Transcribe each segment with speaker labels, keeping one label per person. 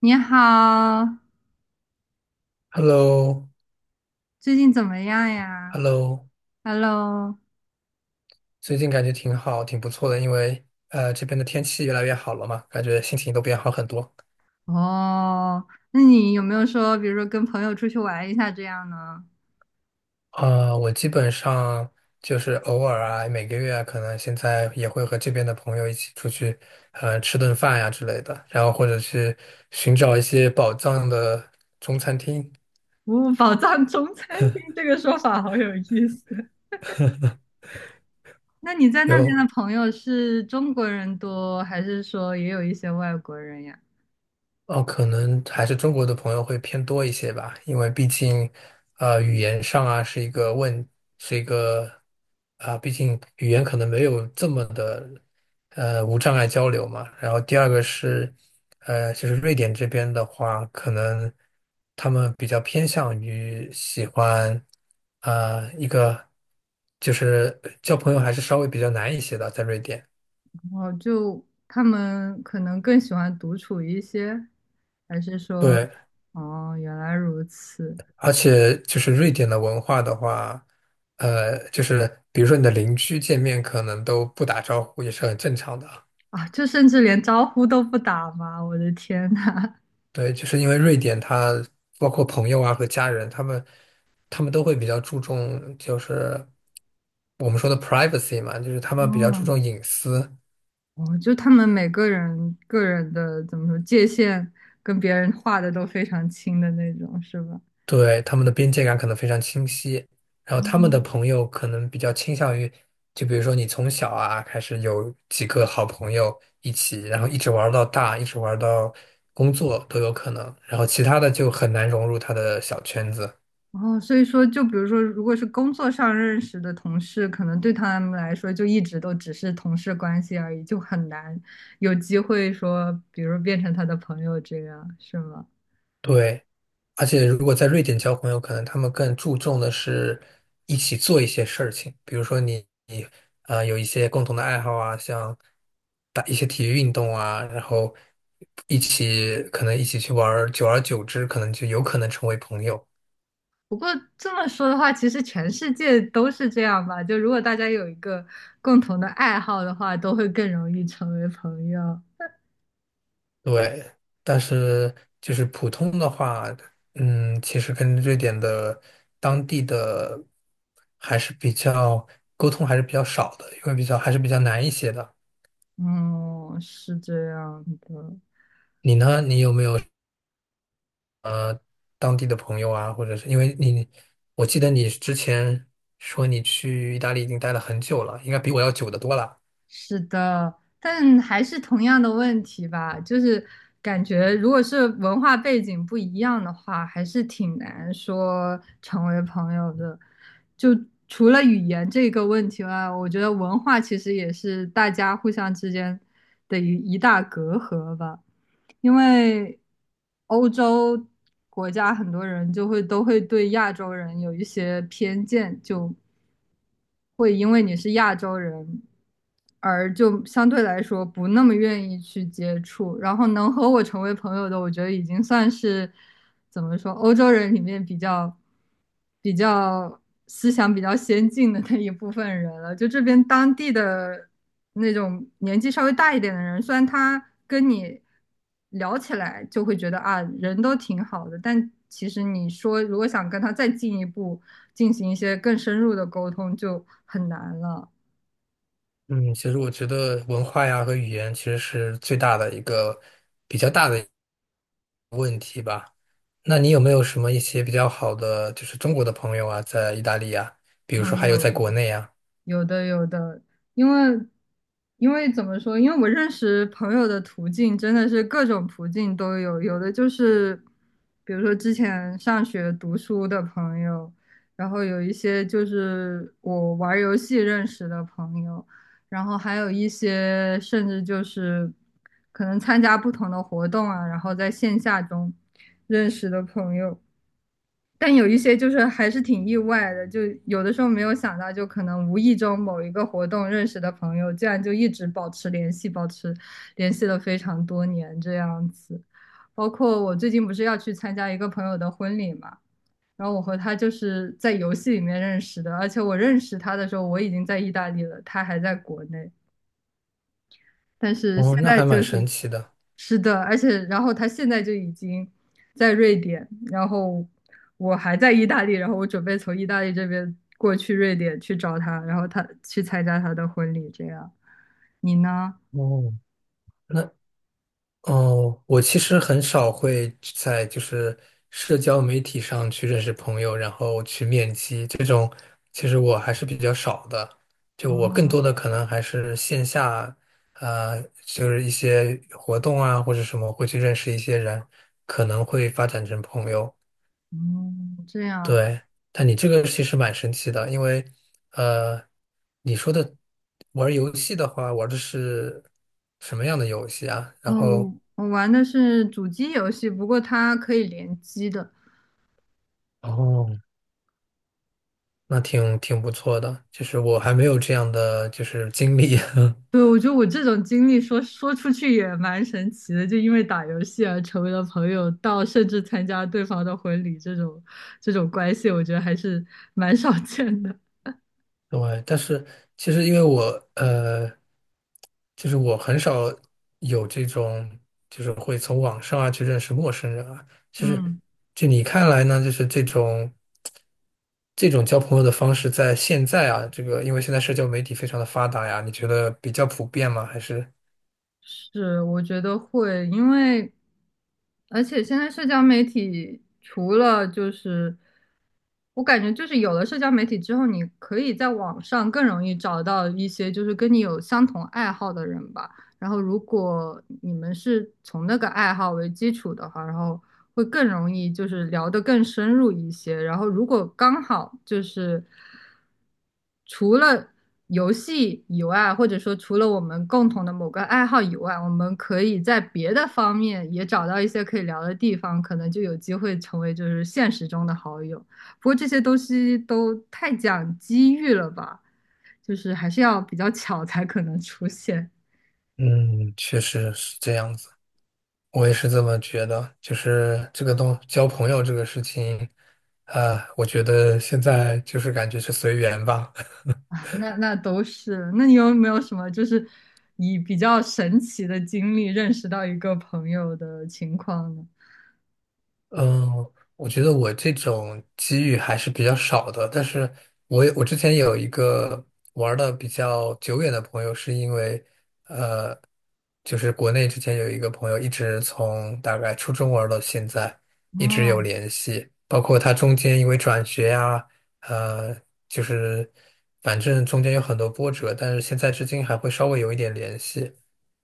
Speaker 1: 你好，
Speaker 2: h e l l o
Speaker 1: 最近怎么样
Speaker 2: h
Speaker 1: 呀
Speaker 2: e l l o
Speaker 1: ？Hello，
Speaker 2: 最近感觉挺好，挺不错的，因为这边的天气越来越好了嘛，感觉心情都变好很多。
Speaker 1: 哦，那你有没有说，比如说跟朋友出去玩一下这样呢？
Speaker 2: 啊、我基本上就是偶尔啊，每个月啊可能现在也会和这边的朋友一起出去，吃顿饭呀、之类的，然后或者去寻找一些宝藏的中餐厅。
Speaker 1: 哦，宝藏中餐厅这个说法好有意思。那你在那边
Speaker 2: 有
Speaker 1: 的朋友是中国人多，还是说也有一些外国人呀？
Speaker 2: 哦，可能还是中国的朋友会偏多一些吧，因为毕竟，语言上啊是一个问，是一个啊，毕竟语言可能没有这么的，无障碍交流嘛。然后第二个是，就是瑞典这边的话，可能他们比较偏向于喜欢，啊，一个就是交朋友还是稍微比较难一些的，在瑞典。
Speaker 1: 哦，就他们可能更喜欢独处一些，还是说，
Speaker 2: 对。
Speaker 1: 哦，原来如此
Speaker 2: 而且就是瑞典的文化的话，就是比如说你的邻居见面可能都不打招呼，也是很正常的啊。
Speaker 1: 啊，就甚至连招呼都不打吗？我的天呐！
Speaker 2: 对，就是因为瑞典它包括朋友啊和家人，他们都会比较注重就是我们说的 privacy 嘛，就是他
Speaker 1: 哦，
Speaker 2: 们比较注重隐私。
Speaker 1: 哦，就他们每个人个人的怎么说界限跟别人画的都非常清的那种，是吧？
Speaker 2: 对，他们的边界感可能非常清晰，然后他们的
Speaker 1: 哦，
Speaker 2: 朋友可能比较倾向于，就比如说你从小啊开始有几个好朋友一起，然后一直玩儿到大，一直玩儿到工作都有可能，然后其他的就很难融入他的小圈子。
Speaker 1: 哦，所以说，就比如说，如果是工作上认识的同事，可能对他们来说就一直都只是同事关系而已，就很难有机会说，比如变成他的朋友这样，是吗？
Speaker 2: 对，而且如果在瑞典交朋友，可能他们更注重的是一起做一些事情，比如说你有一些共同的爱好啊，像打一些体育运动啊，然后一起可能一起去玩儿久而久之可能就有可能成为朋友。
Speaker 1: 不过这么说的话，其实全世界都是这样吧。就如果大家有一个共同的爱好的话，都会更容易成为朋友。
Speaker 2: 对，但是就是普通的话，嗯，其实跟瑞典的当地的还是比较沟通还是比较少的，因为还是比较难一些的。
Speaker 1: 哦，是这样的，
Speaker 2: 你呢？你有没有什么当地的朋友啊？或者是因为你，我记得你之前说你去意大利已经待了很久了，应该比我要久得多了。
Speaker 1: 是的，但还是同样的问题吧，就是感觉如果是文化背景不一样的话，还是挺难说成为朋友的。就除了语言这个问题外，我觉得文化其实也是大家互相之间的一大隔阂吧。因为欧洲国家很多人就会都会对亚洲人有一些偏见，就会因为你是亚洲人，而就相对来说不那么愿意去接触。然后能和我成为朋友的，我觉得已经算是怎么说，欧洲人里面比较。比较思想比较先进的那一部分人了。就这边当地的那种年纪稍微大一点的人，虽然他跟你聊起来就会觉得啊，人都挺好的，但其实你说如果想跟他再进一步进行一些更深入的沟通，就很难了。
Speaker 2: 嗯，其实我觉得文化呀和语言其实是最大的一个比较大的。那你有没有什么一些比较好的，就是中国的朋友啊，在意大利啊，比如
Speaker 1: 哦，
Speaker 2: 说还有
Speaker 1: 有
Speaker 2: 在
Speaker 1: 的，
Speaker 2: 国内啊？
Speaker 1: 有的有的，因为因为怎么说？因为我认识朋友的途径真的是各种途径都有，有的就是比如说之前上学读书的朋友，然后有一些就是我玩儿游戏认识的朋友，然后还有一些甚至就是可能参加不同的活动啊，然后在线下中认识的朋友。但有一些就是还是挺意外的，就有的时候没有想到，就可能无意中某一个活动认识的朋友，竟然就一直保持联系，保持联系了非常多年这样子。包括我最近不是要去参加一个朋友的婚礼嘛，然后我和他就是在游戏里面认识的，而且我认识他的时候我已经在意大利了，他还在国内，但是现
Speaker 2: 哦，那
Speaker 1: 在
Speaker 2: 还
Speaker 1: 就
Speaker 2: 蛮
Speaker 1: 是，
Speaker 2: 神奇的。
Speaker 1: 是的，而且然后他现在就已经在瑞典，然后我还在意大利，然后我准备从意大利这边过去瑞典去找他，然后他去参加他的婚礼，这样。你呢？
Speaker 2: 哦，那哦，我其实很少会在就是社交媒体上去认识朋友，然后去面基这种，其实我还是比较少的。就我更
Speaker 1: 哦，
Speaker 2: 多的可能还是线下，就是一些活动啊或者什么会去认识一些人，可能会发展成朋友。
Speaker 1: 嗯，这样，
Speaker 2: 对，但你这个其实蛮神奇的，因为呃，你说的玩儿游戏的话，玩儿的是什么样的游戏啊？
Speaker 1: 哦，
Speaker 2: 然后。
Speaker 1: 我玩的是主机游戏，不过它可以联机的。
Speaker 2: 哦，那挺不错的，就是我还没有这样的就是经历，
Speaker 1: 对，我觉得我这种经历说说出去也蛮神奇的，就因为打游戏而成为了朋友，到甚至参加对方的婚礼这种关系，我觉得还是蛮少见的。
Speaker 2: 对，但是其实因为我呃，就是我很少有这种，就是会从网上啊去认识陌生人啊，就是
Speaker 1: 嗯，
Speaker 2: 就你看来呢，就是这种交朋友的方式，在现在啊，这个因为现在社交媒体非常的发达呀，你觉得比较普遍吗？还是
Speaker 1: 是，我觉得会，因为而且现在社交媒体除了就是，我感觉就是有了社交媒体之后，你可以在网上更容易找到一些就是跟你有相同爱好的人吧。然后如果你们是从那个爱好为基础的话，然后会更容易就是聊得更深入一些。然后如果刚好就是除了游戏以外，或者说除了我们共同的某个爱好以外，我们可以在别的方面也找到一些可以聊的地方，可能就有机会成为就是现实中的好友。不过这些东西都太讲机遇了吧，就是还是要比较巧才可能出现。
Speaker 2: 嗯，确实是这样子。我也是这么觉得，就是这个东交朋友这个事情，啊、我觉得现在就是感觉是随缘吧。
Speaker 1: 啊，那都是。那你有没有什么就是以比较神奇的经历认识到一个朋友的情况呢？
Speaker 2: 嗯，我觉得我这种机遇还是比较少的，但是我之前有一个玩的比较久远的朋友，是因为就是国内之前有一个朋友，一直从大概初中玩到现在，一直有
Speaker 1: 哦
Speaker 2: 联系。包括他中间因为转学呀、呃，就是反正中间有很多波折，但是现在至今还会稍微有一点联系。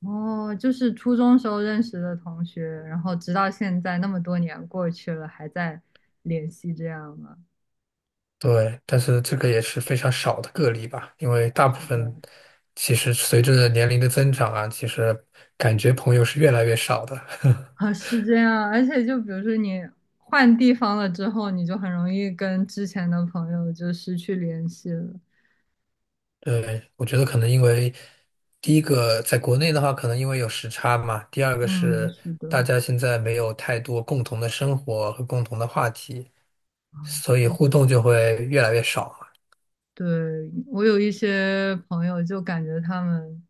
Speaker 1: 哦，就是初中时候认识的同学，然后直到现在那么多年过去了，还在联系这样吗？
Speaker 2: 对，但是这个也是非常少的个例吧，因为大部
Speaker 1: 是的，
Speaker 2: 分其实随着年龄的增长啊，其实感觉朋友是越来越少的。
Speaker 1: 啊，是这样。而且就比如说你换地方了之后，你就很容易跟之前的朋友就失去联系了。
Speaker 2: 对，我觉得可能因为第一个在国内的话，可能因为有时差嘛；第二个
Speaker 1: 嗯，
Speaker 2: 是
Speaker 1: 是的。
Speaker 2: 大家现在没有太多共同的生活和共同的话题，所以互动就会越来越少嘛。
Speaker 1: 对，我有一些朋友就感觉他们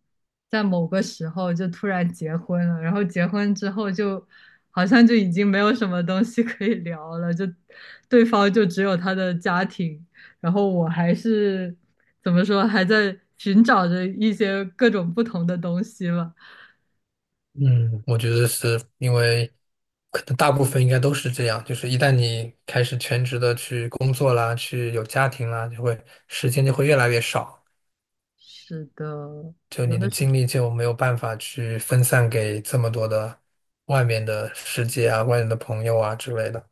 Speaker 1: 在某个时候就突然结婚了，然后结婚之后就好像就已经没有什么东西可以聊了，就对方就只有他的家庭，然后我还是怎么说，还在寻找着一些各种不同的东西吧。
Speaker 2: 嗯，我觉得是因为可能大部分应该都是这样，就是一旦你开始全职的去工作啦，去有家庭啦，就会时间就会越来越少，
Speaker 1: 是的，
Speaker 2: 就
Speaker 1: 有
Speaker 2: 你的
Speaker 1: 的时
Speaker 2: 精力就没有办法去分散给这么多的外面的世界啊、外面的朋友啊之类的。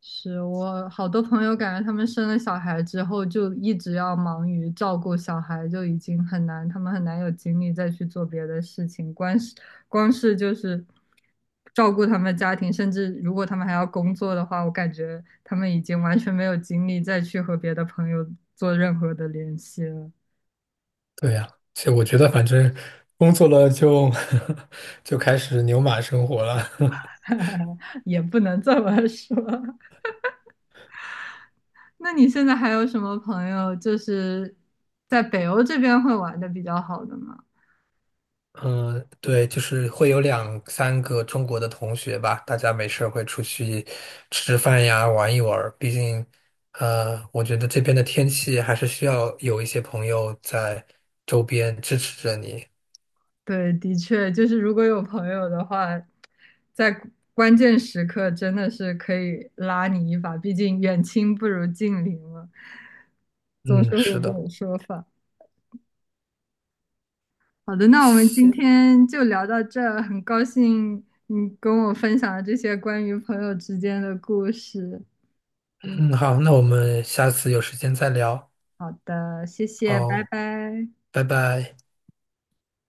Speaker 1: 是我好多朋友感觉他们生了小孩之后就一直要忙于照顾小孩，就已经很难，他们很难有精力再去做别的事情。光是就是照顾他们家庭，甚至如果他们还要工作的话，我感觉他们已经完全没有精力再去和别的朋友做任何的联系了。
Speaker 2: 对呀，其实我觉得反正工作了就 就开始牛马生活了。
Speaker 1: 也不能这么说。那你现在还有什么朋友就是在北欧这边会玩的比较好的吗？
Speaker 2: 嗯，对，就是会有两三个中国的同学吧，大家没事儿会出去吃吃饭呀，玩一玩儿。毕竟，我觉得这边的天气还是需要有一些朋友在周边支持着你。
Speaker 1: 对，的确，就是如果有朋友的话，在关键时刻真的是可以拉你一把，毕竟远亲不如近邻嘛，总
Speaker 2: 嗯，
Speaker 1: 是会有
Speaker 2: 是
Speaker 1: 这
Speaker 2: 的。
Speaker 1: 种说法。好的，那我们今
Speaker 2: 行，
Speaker 1: 天就聊到这儿，很高兴你跟我分享了这些关于朋友之间的故事。
Speaker 2: 嗯，好，那我们下次有时间再聊。
Speaker 1: 好的，谢谢，拜
Speaker 2: 好，
Speaker 1: 拜。
Speaker 2: 拜拜。